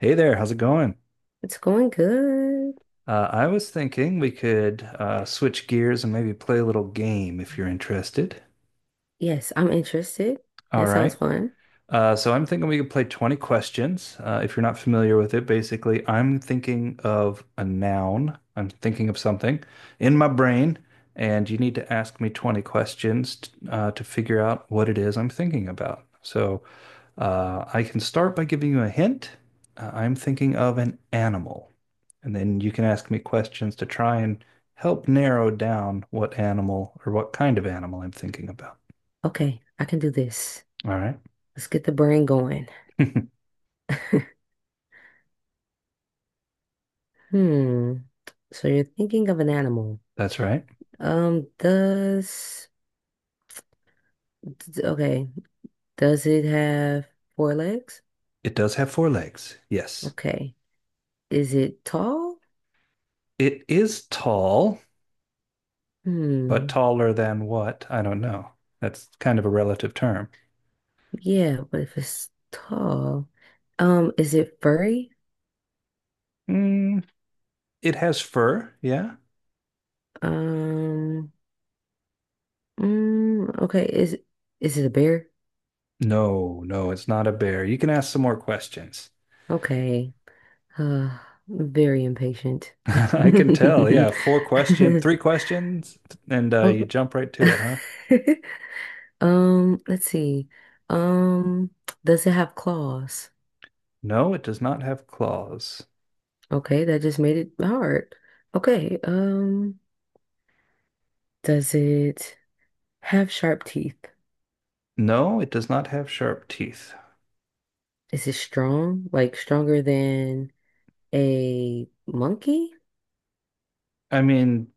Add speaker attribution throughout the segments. Speaker 1: Hey there, how's it going?
Speaker 2: It's going good.
Speaker 1: I was thinking we could switch gears and maybe play a little game if you're interested.
Speaker 2: Yes, I'm interested.
Speaker 1: All
Speaker 2: That sounds
Speaker 1: right.
Speaker 2: fun.
Speaker 1: So I'm thinking we could play 20 questions. If you're not familiar with it, basically, I'm thinking of a noun. I'm thinking of something in my brain, and you need to ask me 20 questions to figure out what it is I'm thinking about. So I can start by giving you a hint. I'm thinking of an animal, and then you can ask me questions to try and help narrow down what animal or what kind of animal I'm thinking about.
Speaker 2: Okay, I can do this.
Speaker 1: All right.
Speaker 2: Let's get the brain going. Hmm. So you're thinking of an animal.
Speaker 1: That's right.
Speaker 2: Um, does, okay, does it have four legs?
Speaker 1: It does have four legs. Yes.
Speaker 2: Okay. Is it tall?
Speaker 1: It is tall, but
Speaker 2: Hmm.
Speaker 1: taller than what? I don't know. That's kind of a relative term.
Speaker 2: Yeah, but if it's tall, is it furry?
Speaker 1: Mm, it has fur. Yeah.
Speaker 2: Um, okay, is it a bear?
Speaker 1: No, no, it's not a bear. You can ask some more questions.
Speaker 2: Okay. Uh, very impatient.
Speaker 1: I can tell. Yeah. Three questions, and you
Speaker 2: Oh.
Speaker 1: jump right to it, huh?
Speaker 2: Let's see. Um, does it have claws?
Speaker 1: No, it does not have claws.
Speaker 2: Okay, that just made it hard. Okay, does it have sharp teeth?
Speaker 1: No, it does not have sharp teeth.
Speaker 2: Is it strong? Like stronger than a monkey?
Speaker 1: I mean,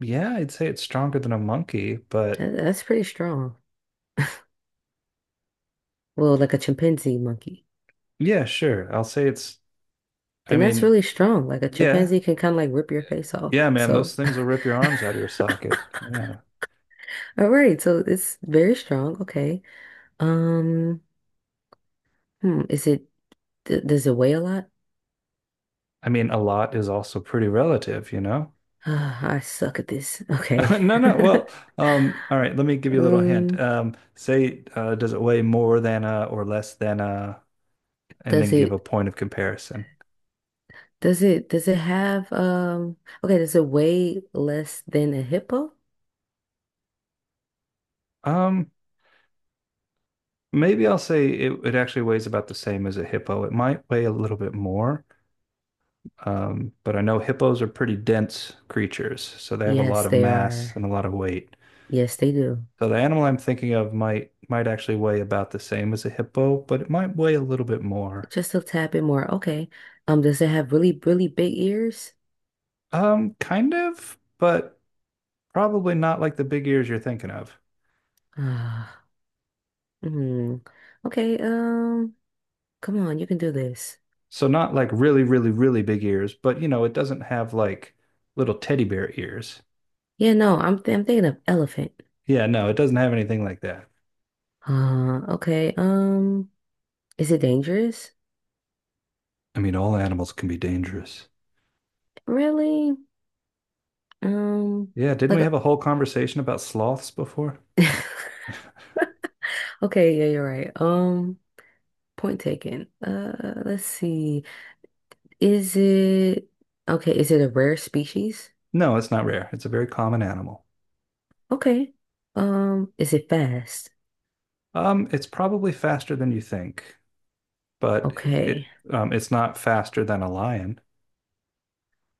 Speaker 1: yeah, I'd say it's stronger than a monkey, but
Speaker 2: That's pretty strong. Well, like a chimpanzee monkey.
Speaker 1: yeah, sure. I'll say it's, I
Speaker 2: Then that's
Speaker 1: mean,
Speaker 2: really strong. Like a
Speaker 1: yeah,
Speaker 2: chimpanzee can kind of like rip your face off.
Speaker 1: Yeah, man, those
Speaker 2: So
Speaker 1: things will rip your arms out of your socket. Yeah.
Speaker 2: all right, so it's very strong. Okay. Um, is it d does it weigh a lot?
Speaker 1: I mean, a lot is also pretty relative, you know?
Speaker 2: I suck at this. Okay.
Speaker 1: No, no. Well, all right, let me give you a little hint.
Speaker 2: Um,
Speaker 1: Say, does it weigh more than a or less than a? And then
Speaker 2: does
Speaker 1: give
Speaker 2: it
Speaker 1: a point of comparison.
Speaker 2: does it have okay, does it weigh less than a hippo?
Speaker 1: Um, maybe it actually weighs about the same as a hippo. It might weigh a little bit more. But I know hippos are pretty dense creatures, so they have a lot
Speaker 2: Yes,
Speaker 1: of
Speaker 2: they
Speaker 1: mass and
Speaker 2: are.
Speaker 1: a lot of weight.
Speaker 2: Yes, they do.
Speaker 1: So the animal I'm thinking of might actually weigh about the same as a hippo, but it might weigh a little bit more.
Speaker 2: Just a tad bit more. Okay. Does it have really, really big ears?
Speaker 1: Kind of, but probably not like the big ears you're thinking of.
Speaker 2: Ah, hmm. Okay, come on, you can do this.
Speaker 1: So not like really, really, really big ears, but you know, it doesn't have like little teddy bear ears.
Speaker 2: Yeah, no, I'm thinking of elephant.
Speaker 1: Yeah, no, it doesn't have anything like that.
Speaker 2: Okay. Is it dangerous?
Speaker 1: I mean, all animals can be dangerous.
Speaker 2: Really? Um,
Speaker 1: Yeah, didn't
Speaker 2: like
Speaker 1: we have a whole conversation about sloths before?
Speaker 2: okay, yeah, you're right. Point taken. Let's see. Is it okay, is it a rare species?
Speaker 1: No, it's not rare. It's a very common animal.
Speaker 2: Okay. Is it fast?
Speaker 1: It's probably faster than you think, but
Speaker 2: Okay.
Speaker 1: it's not faster than a lion.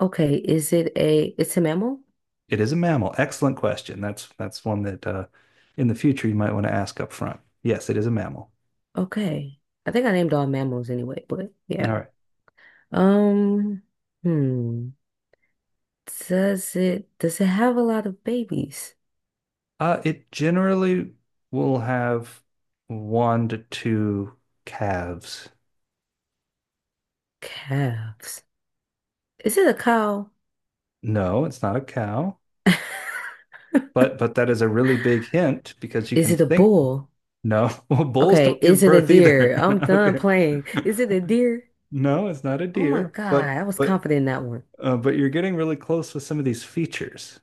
Speaker 2: Okay, is it's a mammal?
Speaker 1: It is a mammal. Excellent question. That's one that in the future you might want to ask up front. Yes, it is a mammal.
Speaker 2: Okay. I think I named all mammals anyway, but
Speaker 1: All
Speaker 2: yeah.
Speaker 1: right.
Speaker 2: Um, hmm. Does it have a lot of babies?
Speaker 1: It generally will have one to two calves.
Speaker 2: Calves. Is it a cow?
Speaker 1: No, it's not a cow. But that is a really big hint because you
Speaker 2: Is
Speaker 1: can
Speaker 2: it a
Speaker 1: think
Speaker 2: bull?
Speaker 1: no, well, bulls
Speaker 2: Okay,
Speaker 1: don't
Speaker 2: is
Speaker 1: give
Speaker 2: it a
Speaker 1: birth either.
Speaker 2: deer? I'm done
Speaker 1: Okay.
Speaker 2: playing. Is it a deer?
Speaker 1: No, it's not a
Speaker 2: Oh my
Speaker 1: deer,
Speaker 2: God,
Speaker 1: but
Speaker 2: I was confident in that one.
Speaker 1: but you're getting really close with some of these features.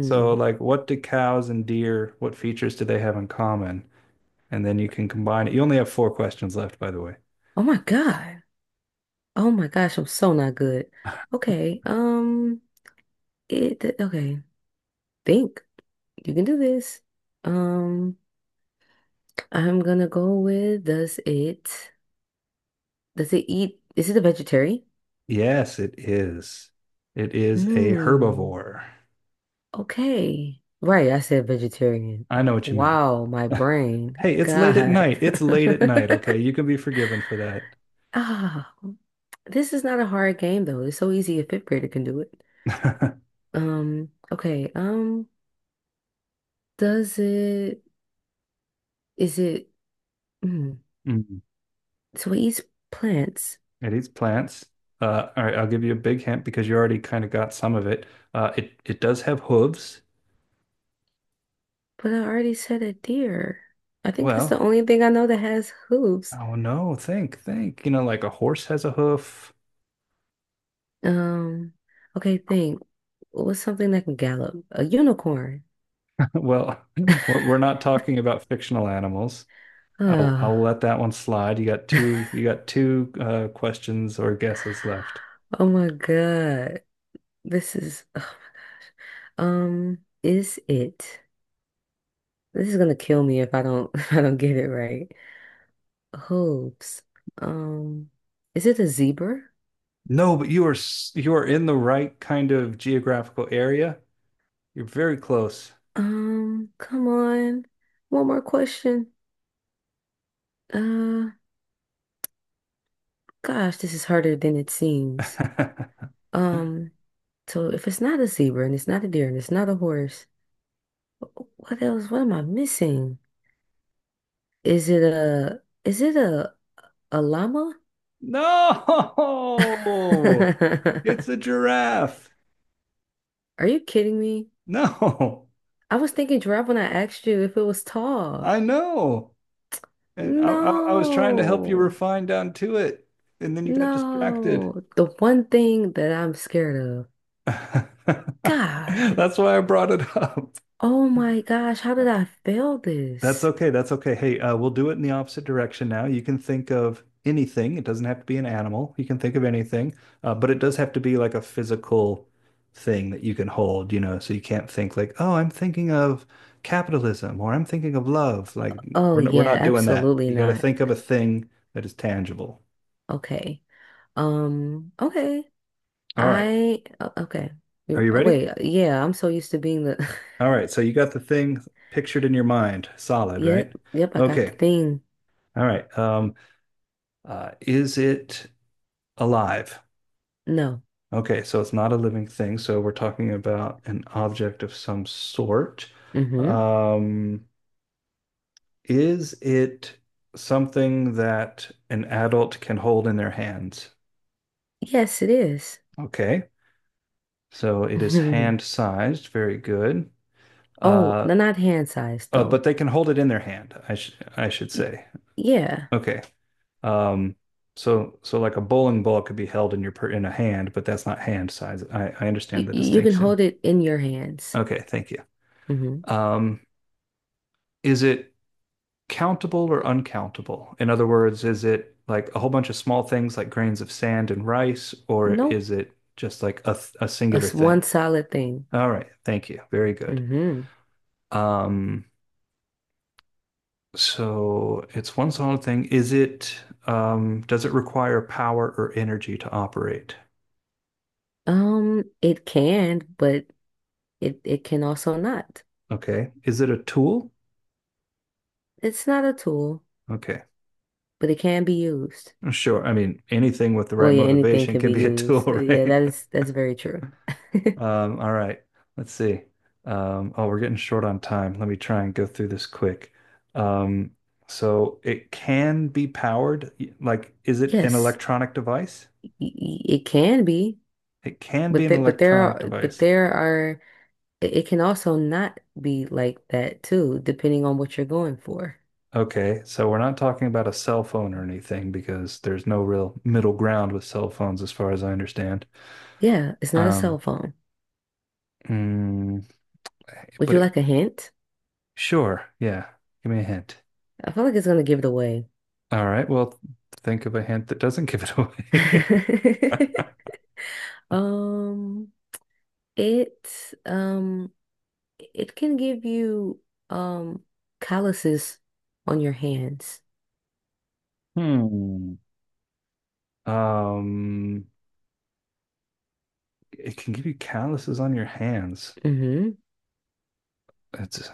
Speaker 1: So, like, what do cows and deer, what features do they have in common? And then you can combine it. You only have four questions left, by the way.
Speaker 2: Oh my God. Oh my gosh, I'm so not good. Okay, okay, think. You can do this. Um, I'm gonna go with does is it a vegetarian?
Speaker 1: Yes, it is. It is a
Speaker 2: Hmm.
Speaker 1: herbivore.
Speaker 2: Okay. Right, I said vegetarian.
Speaker 1: I know what you meant.
Speaker 2: Wow, my brain.
Speaker 1: Hey, it's late at
Speaker 2: God.
Speaker 1: night. It's late at night. Okay, you can be forgiven for that.
Speaker 2: Ah, this is not a hard game though. It's so easy a fifth grader can do it. Okay. Does it is it mm,
Speaker 1: Mm.
Speaker 2: so it eats plants,
Speaker 1: It eats plants. All right, I'll give you a big hint because you already kind of got some of it. It does have hooves.
Speaker 2: but I already said a deer. I think that's the
Speaker 1: Well,
Speaker 2: only thing I know that has hooves.
Speaker 1: oh no, think, think. You know, like a horse has a hoof.
Speaker 2: Um, okay, think. What's something that can gallop? A unicorn.
Speaker 1: Well, we're not talking about fictional animals. I'll
Speaker 2: Ah.
Speaker 1: let that one slide. You got two questions or guesses left.
Speaker 2: Oh my God. This is, oh my gosh. Um, is it? This is gonna kill me if I don't if I don't get it right. Hooves. Um, is it a zebra?
Speaker 1: No, but you are in the right kind of geographical area. You're very close.
Speaker 2: Come on. One more question. Uh, gosh, this is harder than it seems. Um, so if it's not a zebra and it's not a deer and it's not a horse, wh- what else? What am I missing? Is it a is it a llama?
Speaker 1: No, it's a giraffe.
Speaker 2: Are you kidding me?
Speaker 1: No,
Speaker 2: I was thinking giraffe when I asked you if it was tall.
Speaker 1: I know. And I was trying to help you
Speaker 2: No,
Speaker 1: refine down to it, and then you got distracted.
Speaker 2: no. The one thing that I'm scared of.
Speaker 1: That's
Speaker 2: God.
Speaker 1: why I brought it up.
Speaker 2: Oh my gosh, how
Speaker 1: No.
Speaker 2: did I fail
Speaker 1: That's
Speaker 2: this?
Speaker 1: okay. That's okay. Hey, we'll do it in the opposite direction now. You can think of anything. It doesn't have to be an animal. You can think of anything, but it does have to be like a physical thing that you can hold, you know, so you can't think like, oh, I'm thinking of capitalism or I'm thinking of love. Like
Speaker 2: Oh
Speaker 1: we're
Speaker 2: yeah,
Speaker 1: not doing that.
Speaker 2: absolutely
Speaker 1: You got to
Speaker 2: not.
Speaker 1: think of a thing that is tangible.
Speaker 2: Okay. Okay.
Speaker 1: All right.
Speaker 2: Okay.
Speaker 1: Are you ready?
Speaker 2: Wait, yeah, I'm so used to being the
Speaker 1: All right. So you got the thing pictured in your mind, solid,
Speaker 2: Yep,
Speaker 1: right?
Speaker 2: yep, I got the
Speaker 1: Okay.
Speaker 2: thing.
Speaker 1: All right. Is it alive?
Speaker 2: No.
Speaker 1: Okay, so it's not a living thing, so we're talking about an object of some sort.
Speaker 2: Mm-hmm.
Speaker 1: Um, is it something that an adult can hold in their hands?
Speaker 2: Yes, it is.
Speaker 1: Okay, so it is hand-sized, very good.
Speaker 2: Oh,
Speaker 1: Uh,
Speaker 2: no, not hand size though.
Speaker 1: but they can hold it in their hand, I should
Speaker 2: Y-
Speaker 1: say.
Speaker 2: Yeah.
Speaker 1: Okay. Um, so like a bowling ball could be held in your per in a hand, but that's not hand size. I understand the
Speaker 2: You can
Speaker 1: distinction.
Speaker 2: hold it in your hands.
Speaker 1: Okay, thank you.
Speaker 2: Mm-hmm.
Speaker 1: Um, is it countable or uncountable? In other words, is it like a whole bunch of small things like grains of sand and rice, or
Speaker 2: Nope.
Speaker 1: is it just like a singular
Speaker 2: That's one
Speaker 1: thing?
Speaker 2: solid thing.
Speaker 1: All right, thank you. Very good.
Speaker 2: Mm-hmm.
Speaker 1: Um, so it's one solid thing. Does it require power or energy to operate?
Speaker 2: It can, but it can also not.
Speaker 1: Okay. Is it a tool?
Speaker 2: It's not a tool,
Speaker 1: Okay.
Speaker 2: but it can be used.
Speaker 1: Sure. I mean, anything with the
Speaker 2: Well,
Speaker 1: right
Speaker 2: yeah, anything
Speaker 1: motivation
Speaker 2: can
Speaker 1: can
Speaker 2: be
Speaker 1: be a tool,
Speaker 2: used. Yeah,
Speaker 1: right?
Speaker 2: that is that's very true.
Speaker 1: All right, let's see. Oh, we're getting short on time. Let me try and go through this quick. Um, so it can be powered. Like, is it an
Speaker 2: Yes,
Speaker 1: electronic device?
Speaker 2: it can be,
Speaker 1: It can be
Speaker 2: but
Speaker 1: an
Speaker 2: th but
Speaker 1: electronic device.
Speaker 2: there are it can also not be like that too, depending on what you're going for.
Speaker 1: Okay, so we're not talking about a cell phone or anything because there's no real middle ground with cell phones, as far as I understand.
Speaker 2: Yeah, it's not a
Speaker 1: Um,
Speaker 2: cell phone.
Speaker 1: mm,
Speaker 2: Would
Speaker 1: but
Speaker 2: you
Speaker 1: it,
Speaker 2: like a hint?
Speaker 1: sure, yeah. Give me a hint.
Speaker 2: I feel like it's gonna give it away.
Speaker 1: All right, well, think of a hint that doesn't give it away.
Speaker 2: Um, it um it can give you um calluses on your hands.
Speaker 1: Hmm. Um, it can give you calluses on your hands.
Speaker 2: Mm-hmm.
Speaker 1: It's,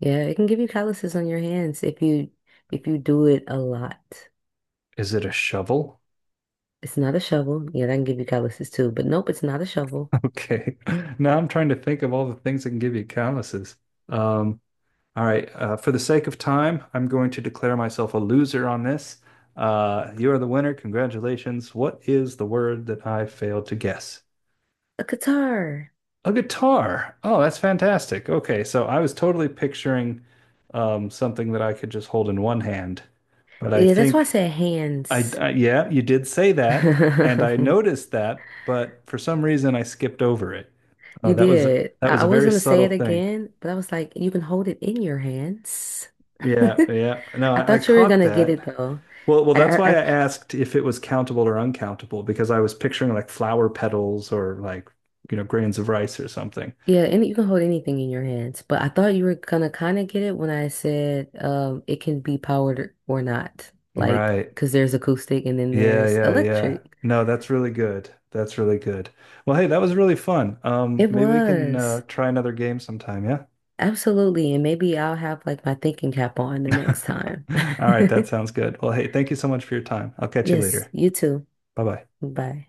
Speaker 2: Yeah, it can give you calluses on your hands if you do it a lot.
Speaker 1: is it a shovel?
Speaker 2: It's not a shovel. Yeah, that can give you calluses too. But nope, it's not a shovel.
Speaker 1: Okay. Now I'm trying to think of all the things that can give you calluses. Um, all right. For the sake of time, I'm going to declare myself a loser on this. You are the winner. Congratulations. What is the word that I failed to guess?
Speaker 2: A guitar.
Speaker 1: A guitar. Oh, that's fantastic. Okay. So I was totally picturing something that I could just hold in one hand. But
Speaker 2: Yeah, that's why I said hands.
Speaker 1: I yeah, you did say that, and I noticed that, but for some reason I skipped over it. Oh,
Speaker 2: You did.
Speaker 1: that was
Speaker 2: I
Speaker 1: a
Speaker 2: was
Speaker 1: very
Speaker 2: gonna say it
Speaker 1: subtle thing.
Speaker 2: again, but I was like, you can hold it in your hands.
Speaker 1: Yeah, yeah. No,
Speaker 2: I
Speaker 1: I
Speaker 2: thought you were
Speaker 1: caught
Speaker 2: gonna get
Speaker 1: that.
Speaker 2: it though.
Speaker 1: Well, well,
Speaker 2: I,
Speaker 1: that's
Speaker 2: I,
Speaker 1: why
Speaker 2: I-
Speaker 1: I asked if it was countable or uncountable because I was picturing like flower petals or like, you know, grains of rice or something.
Speaker 2: yeah, and you can hold anything in your hands, but I thought you were gonna kind of get it when I said it can be powered or not. Like,
Speaker 1: Right.
Speaker 2: because there's acoustic and then
Speaker 1: Yeah,
Speaker 2: there's
Speaker 1: yeah, yeah.
Speaker 2: electric.
Speaker 1: No, that's really good. That's really good. Well, hey, that was really fun.
Speaker 2: It
Speaker 1: Maybe we can
Speaker 2: was.
Speaker 1: try another game sometime, yeah?
Speaker 2: Absolutely. And maybe I'll have like my thinking cap on the next
Speaker 1: All
Speaker 2: time.
Speaker 1: right, that sounds good. Well, hey, thank you so much for your time. I'll catch you
Speaker 2: Yes,
Speaker 1: later.
Speaker 2: you too.
Speaker 1: Bye bye.
Speaker 2: Bye.